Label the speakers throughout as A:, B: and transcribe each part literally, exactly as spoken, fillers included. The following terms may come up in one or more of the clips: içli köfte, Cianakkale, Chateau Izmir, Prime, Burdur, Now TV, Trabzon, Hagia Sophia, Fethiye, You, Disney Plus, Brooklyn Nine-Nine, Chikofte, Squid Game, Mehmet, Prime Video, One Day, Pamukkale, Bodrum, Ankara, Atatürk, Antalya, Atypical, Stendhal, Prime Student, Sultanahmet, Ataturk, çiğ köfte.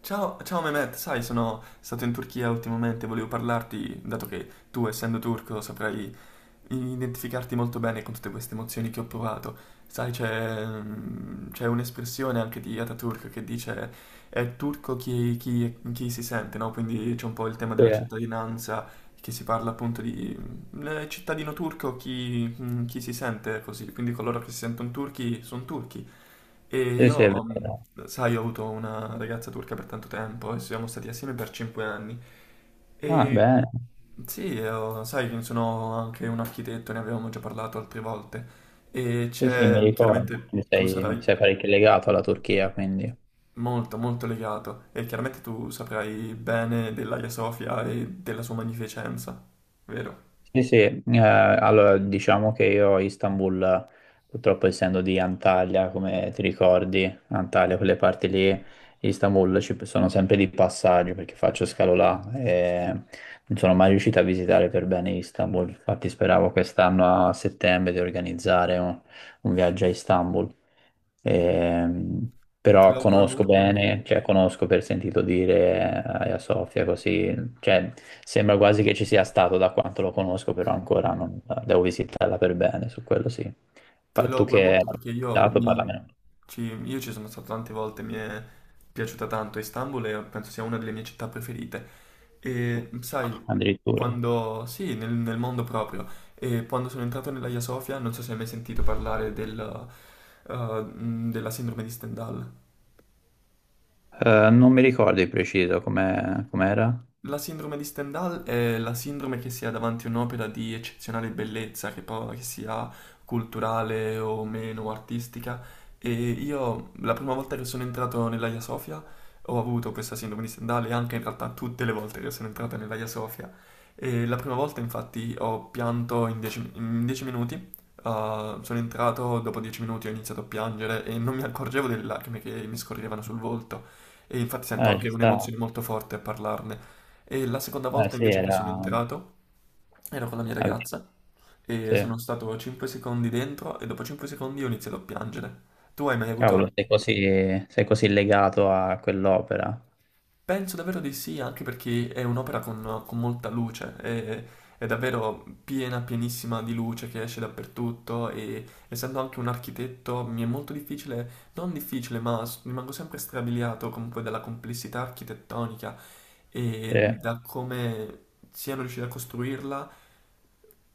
A: Ciao, ciao Mehmet, sai, sono stato in Turchia ultimamente, volevo parlarti, dato che tu, essendo turco, saprai identificarti molto bene con tutte queste emozioni che ho provato. Sai, c'è, mm, c'è un'espressione anche di Ataturk che dice è turco chi, chi- chi si sente, no? Quindi c'è un po' il tema
B: Sì,
A: della
B: eh.
A: cittadinanza, che si parla appunto di mm, eh, cittadino turco chi, mm, chi si sente così, quindi coloro che si sentono turchi sono turchi. E
B: Sì, sì, è
A: io,
B: vero.
A: mh, sai, ho avuto una ragazza turca per tanto tempo e siamo stati assieme per cinque anni.
B: Ah,
A: E
B: bene.
A: sì, io- sai che sono anche un architetto, ne avevamo già parlato altre volte. E
B: Sì, sì, mi
A: c'è,
B: ricordo
A: chiaramente
B: che
A: tu
B: sei,
A: sarai
B: sei parecchio legato alla Turchia, quindi.
A: molto, molto legato e chiaramente tu saprai bene dell'Aia Sofia e della sua magnificenza, vero?
B: Sì, sì, eh, allora diciamo che io a Istanbul, purtroppo essendo di Antalya, come ti ricordi, Antalya, quelle parti lì, Istanbul ci sono sempre di passaggio perché faccio scalo là e non sono mai riuscito a visitare per bene Istanbul. Infatti speravo quest'anno a settembre di organizzare un, un viaggio a Istanbul. Ehm,
A: Te
B: però
A: lo auguro
B: conosco
A: molto,
B: bene, cioè conosco per sentito dire eh, a Sofia così, cioè sembra quasi che ci sia stato da quanto lo conosco, però ancora non eh, devo visitarla per bene, su quello sì.
A: te
B: Pa-
A: lo
B: tu
A: auguro
B: che hai
A: molto perché io,
B: dato,
A: mi,
B: parlamene
A: ci, io ci sono stato tante volte, mi è piaciuta tanto Istanbul e penso sia una delle mie città preferite. E sai,
B: addirittura.
A: quando... Sì, nel, nel mondo proprio. E quando sono entrato nella Hagia Sofia, non so se hai mai sentito parlare del, eh, mh, della sindrome di Stendhal.
B: Eh, non mi ricordo di preciso come com'era.
A: La sindrome di Stendhal è la sindrome che si ha davanti a un'opera di eccezionale bellezza, che, poi, che sia culturale o meno artistica. E io la prima volta che sono entrato nell'Aia Sofia ho avuto questa sindrome di Stendhal e anche in realtà tutte le volte che sono entrato nell'Aia Sofia. E la prima volta infatti ho pianto in dieci minuti. Uh, sono entrato, dopo dieci minuti ho iniziato a piangere e non mi accorgevo delle lacrime che mi scorrevano sul volto. E infatti sento
B: Eh, ci
A: anche
B: sta.
A: un'emozione molto forte a parlarne. E la seconda
B: Eh,
A: volta
B: sì,
A: invece che sono
B: era.
A: entrato ero con la mia
B: avevi-
A: ragazza e
B: Sì.
A: sono stato cinque secondi dentro e dopo cinque secondi ho iniziato a piangere. Tu hai mai
B: Cavolo,
A: avuto?
B: sei così, sei così legato a quell'opera.
A: Penso davvero di sì, anche perché è un'opera con, con molta luce, è, È davvero piena, pienissima di luce che esce dappertutto e essendo anche un architetto mi è molto difficile, non difficile, ma s- rimango sempre strabiliato comunque dalla complessità architettonica
B: Sì.
A: e da come siano riusciti a costruirla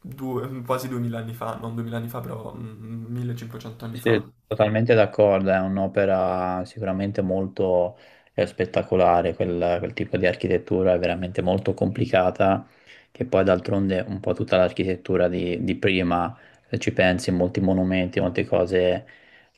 A: due- quasi duemila anni fa, non duemila anni fa, però mm, millecinquecento anni fa.
B: Sì, totalmente d'accordo, è un'opera sicuramente molto eh, spettacolare, quel, quel tipo di architettura è veramente molto complicata, che poi d'altronde un po' tutta l'architettura di, di prima, se ci pensi, molti monumenti, molte cose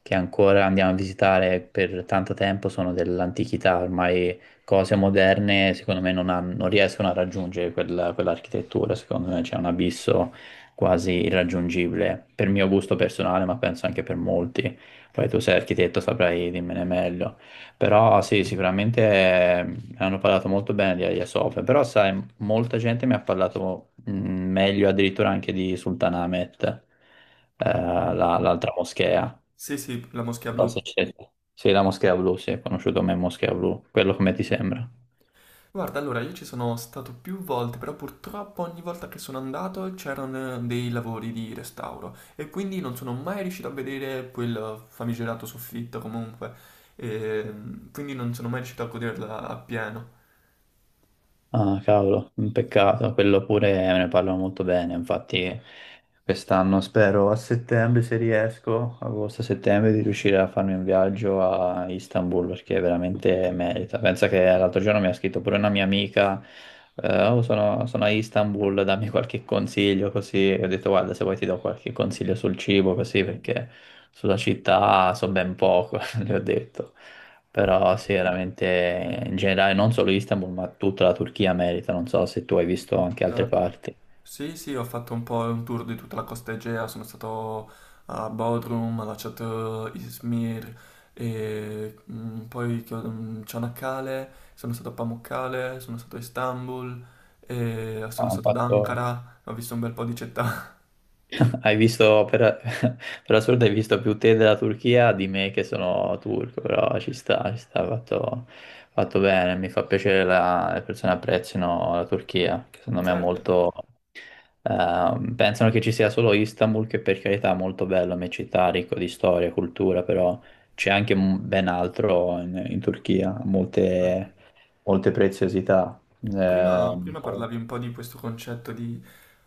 B: che ancora andiamo a visitare per tanto tempo sono dell'antichità. Ormai cose moderne secondo me non, han- non riescono a raggiungere quella- quell'architettura, secondo me c'è un abisso quasi irraggiungibile per mio gusto personale, ma penso anche per molti. Poi tu sei architetto, saprai dimmene meglio. Però sì, sicuramente eh, mi hanno parlato molto bene di Hagia Sophia, però sai, molta gente mi ha parlato mh, meglio addirittura anche di Sultanahmet, eh, la- l'altra moschea.
A: Sì, sì, la Moschea
B: Non so
A: Blu.
B: se c'è- Sì, la moschea blu, sì, è conosciuto come moschea blu, quello come ti sembra.
A: Guarda, allora io ci sono stato più volte, però purtroppo ogni volta che sono andato c'erano dei lavori di restauro e quindi non sono mai riuscito a vedere quel famigerato soffitto comunque, e quindi non sono mai riuscito a goderla appieno.
B: Ah, cavolo, un peccato, quello pure ne parlano molto bene, infatti quest'anno spero a settembre se riesco, agosto-settembre, di riuscire a farmi un viaggio a Istanbul perché veramente merita. Pensa che l'altro giorno mi ha scritto pure una mia amica, eh, "Oh, sono, sono a Istanbul, dammi qualche consiglio così", e ho detto: guarda, se vuoi ti do qualche consiglio sul cibo così, perché sulla città so ben poco, le ho detto. Però sì, veramente in generale non solo Istanbul, ma tutta la Turchia merita, non so se tu hai visto anche altre
A: Certo.
B: parti.
A: Sì, sì, ho fatto un po' un tour di tutta la costa Egea, sono stato a Bodrum, alla Chateau Izmir, e poi Chio- Cianakkale, sono stato a Pamukkale, sono stato a Istanbul, e sono
B: Ha
A: stato ad
B: fatto
A: Ankara, ho visto un bel po' di città.
B: Hai visto, per, per assurdo, hai visto più te della Turchia di me che sono turco, però ci sta, ci sta, fatto, fatto bene. Mi fa piacere la- le persone apprezzino la Turchia, che secondo me è
A: Certo,
B: molto. Ehm, pensano che ci sia solo Istanbul, che per carità è molto bello, è una città ricca di storia e cultura, però c'è anche m- ben altro in, in Turchia,
A: certo.
B: molte, molte preziosità.
A: Prima,
B: Ehm,
A: prima parlavi un po' di questo concetto di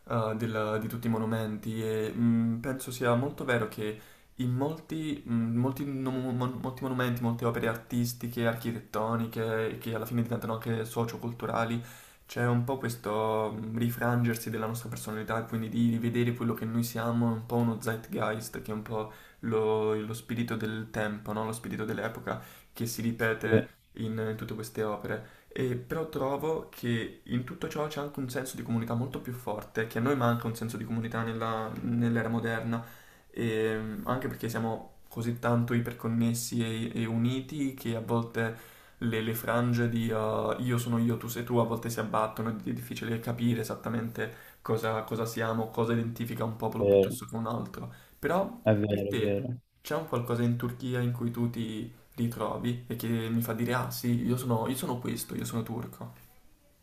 A: eh, del- di tutti i monumenti e mh, penso sia molto vero che in molti, mh, molti nom- mon- molti monumenti, molte opere artistiche, architettoniche, che alla fine diventano anche socioculturali, c'è un po' questo mh, rifrangersi della nostra personalità, e quindi di rivedere quello che noi siamo, un po' uno zeitgeist, che è un po' lo, lo spirito del tempo, no? Lo spirito dell'epoca che si
B: sì,
A: ripete in in tutte queste opere. E però trovo che in tutto ciò c'è anche un senso di comunità molto più forte, che a noi manca un senso di comunità nella- nell'era moderna, e, mm, anche perché siamo così tanto iperconnessi e, e uniti che a volte le, le frange di uh, io sono io, tu sei tu, a volte si abbattono, ed è difficile capire esattamente cosa, cosa siamo, cosa identifica un popolo
B: sì,
A: piuttosto che un altro. Però
B: è
A: per
B: vero, è
A: te
B: vero. È vero.
A: c'è un qualcosa in Turchia in cui tu ti ritrovi e che mi fa dire ah sì, io sono, io sono questo, io sono turco.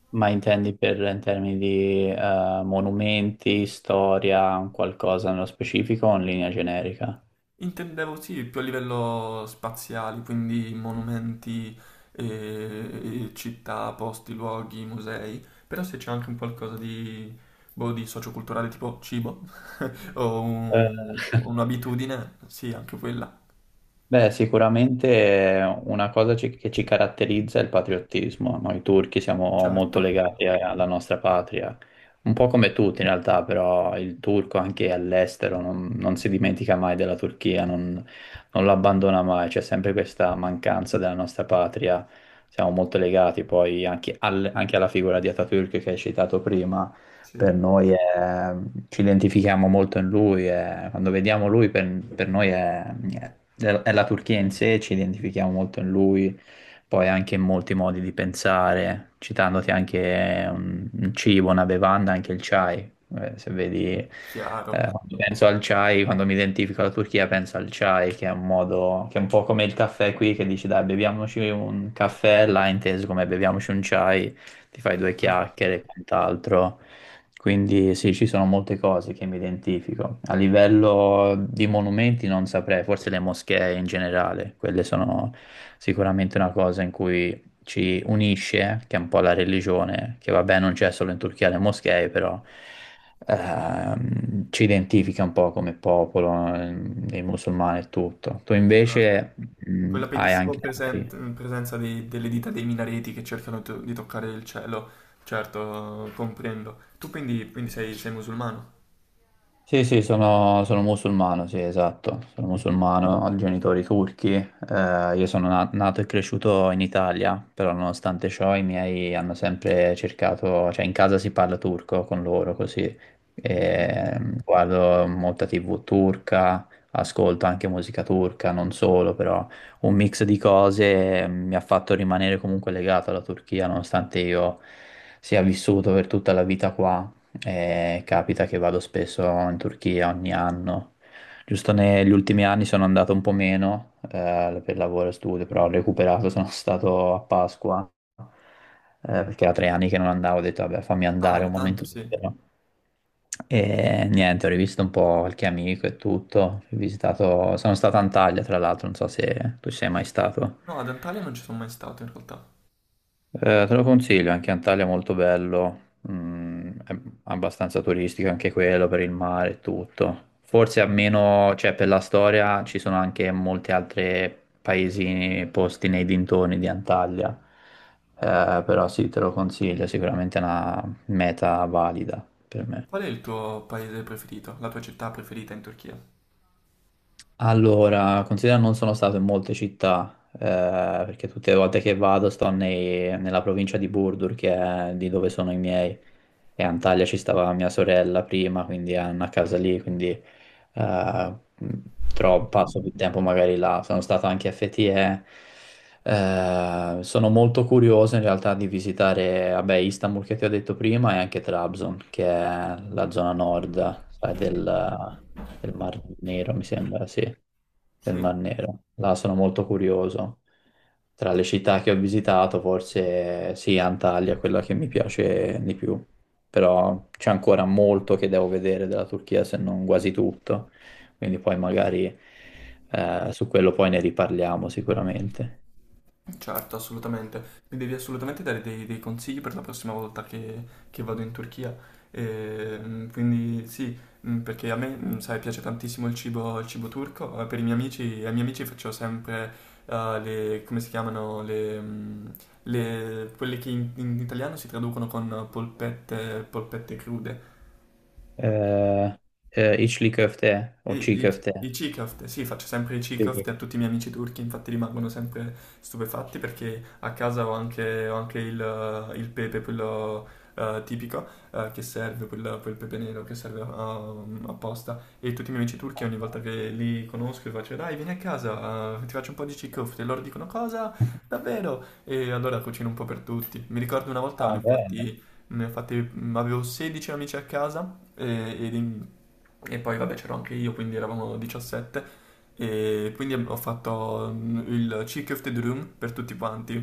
B: Ma intendi per in termini di eh, monumenti, storia, qualcosa nello specifico o in linea generica?
A: Intendevo sì, più a livello spaziale, quindi monumenti, eh, città, posti, luoghi, musei, però se c'è anche un qualcosa di, boh, di socioculturale tipo cibo o
B: Eh,
A: un- un'abitudine, sì, anche quella.
B: Beh, sicuramente eh, una cosa ci- che ci caratterizza è il patriottismo. Noi turchi siamo
A: Certo,
B: molto legati a- alla nostra patria, un po' come tutti in realtà, però il turco anche all'estero non, non si dimentica mai della Turchia, non, non l'abbandona mai, c'è sempre questa mancanza della nostra patria. Siamo molto legati poi anche, al- anche alla figura di Atatürk che hai citato prima,
A: sì,
B: per noi è- ci identifichiamo molto in lui, è- quando vediamo lui, per, per noi è, è- è la Turchia in sé, ci identifichiamo molto in lui, poi anche in molti modi di pensare, citandoti anche un, un cibo, una bevanda, anche il chai. Eh, se vedi, eh,
A: chiaro.
B: quando penso al chai, quando mi identifico alla Turchia penso al chai, che è un modo, che è un po' come il caffè qui, che dici dai beviamoci un caffè, là inteso come beviamoci un chai, ti fai due
A: Ah,
B: chiacchiere e quant'altro. Quindi sì, ci sono molte cose che mi identifico. A livello di monumenti non saprei, forse le moschee in generale, quelle sono sicuramente una cosa in cui ci unisce, che è un po' la religione, che vabbè non c'è solo in Turchia le moschee, però ehm, ci identifica un po' come popolo, ehm, i musulmani e tutto. Tu
A: ah.
B: invece mh,
A: Quella
B: hai
A: bellissima
B: anche altri.
A: presen- presenza dei- delle dita dei minareti che cercano to- di toccare il cielo. Certo, comprendo. Tu quindi, quindi sei, sei musulmano?
B: Sì, sì, sono, sono musulmano, sì, esatto, sono musulmano, ho genitori turchi, eh, io sono na- nato e cresciuto in Italia, però nonostante ciò i miei hanno sempre cercato, cioè in casa si parla turco con loro così, e, mm, guardo molta tivù turca, ascolto anche musica turca, non solo, però un mix di cose mm, mi ha fatto rimanere comunque legato alla Turchia, nonostante io sia vissuto per tutta la vita qua. E capita che vado spesso in Turchia ogni anno. Giusto negli ultimi anni sono andato un po' meno eh, per lavoro e studio, però ho recuperato, sono stato a Pasqua, eh, perché era tre anni che non andavo, ho detto vabbè fammi
A: Ah,
B: andare
A: era
B: un
A: tanto,
B: momento
A: sì.
B: libero. E niente, ho rivisto un po' qualche amico e tutto, ho visitato, sono stato a Antalya tra l'altro, non so se tu ci sei mai stato.
A: No, ad Antalya non ci sono mai stato in realtà.
B: Eh, te lo consiglio, anche Antalya è molto bello, mm, è abbastanza turistico anche quello per il mare e tutto. Forse almeno, cioè per la storia ci sono anche molti altri paesini posti nei dintorni di Antalya. Eh, però sì, te lo consiglio, è sicuramente una meta valida per me.
A: Qual è il tuo paese preferito? La tua città preferita in Turchia?
B: Allora, considera non sono stato in molte città, eh, perché tutte le volte che vado sto nei- nella provincia di Burdur, che è di dove sono i miei, e a Antalya ci stava mia sorella prima, quindi ha una casa lì, quindi eh, mh, tro- passo più tempo magari là. Sono stato anche a Fethiye, eh, sono molto curioso in realtà di visitare, vabbè, Istanbul, che ti ho detto prima, e anche Trabzon, che è la zona nord, sai, del, del Mar Nero, mi sembra, sì, del
A: Sì.
B: Mar Nero. Là sono molto curioso. Tra le città che ho visitato, forse sì, Antalya è quella che mi piace di più, però c'è ancora molto che devo vedere della Turchia, se non quasi tutto, quindi poi magari eh, su quello poi ne riparliamo sicuramente.
A: Certo, assolutamente. Mi devi assolutamente dare dei, dei consigli per la prossima volta che, che vado in Turchia. Ehm, quindi sì, mm, perché a me, mm, sai, piace tantissimo il cibo, il cibo turco. Eh, Per i miei amici, ai miei amici faccio sempre eh, le, come si chiamano, le, mm, le- quelle che in, in italiano si traducono con polpette, polpette crude.
B: Eh, eh, içli köfte,
A: I,
B: o çiğ
A: i, i
B: köfte.
A: Chikofte, sì, faccio sempre i
B: Sì,
A: Chikofte
B: sì.
A: a tutti i miei amici turchi, infatti rimangono sempre stupefatti perché a casa ho anche, ho anche il, il pepe, quello eh, tipico, eh, che serve, quel, quel pepe nero che serve um, apposta. E tutti i miei amici turchi ogni volta che li conosco gli faccio dai vieni a casa, eh, ti faccio un po' di Chikofte. E loro dicono cosa? Davvero? E allora cucino un po' per tutti. Mi ricordo una volta
B: Va
A: ne ho
B: bene,
A: fatti... Ne ho fatti, avevo sedici amici a casa e, ed in- e poi vabbè c'ero anche io, quindi eravamo diciassette e quindi ho fatto mm, il Cheek of the Room per tutti quanti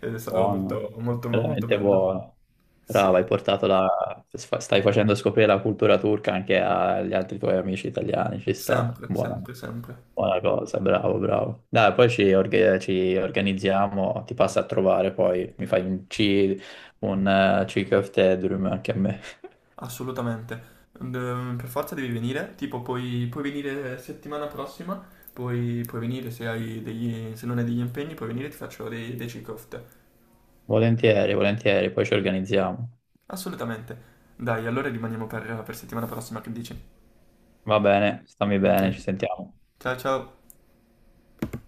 A: ed è stato
B: buono,
A: molto molto molto
B: veramente
A: bello.
B: buono.
A: Sì,
B: Brava, hai portato la. Sfa- stai facendo scoprire la cultura turca anche agli altri tuoi amici italiani, ci sta.
A: sempre,
B: Buono,
A: sempre, sempre,
B: buona cosa, bravo, bravo. Dai, poi ci, orga- ci organizziamo, ti passa a trovare, poi mi fai un ci un eh, cheek of the drum anche a me.
A: assolutamente. Mm, per forza devi venire, tipo puoi, puoi venire settimana prossima, puoi, puoi venire se hai degli, se non hai degli impegni, puoi venire e ti faccio dei, dei cheek off.
B: Volentieri, volentieri, poi ci organizziamo.
A: Assolutamente. Dai, allora rimaniamo per per settimana prossima, che dici?
B: Va bene, stammi
A: Ok,
B: bene, ci sentiamo.
A: ciao ciao.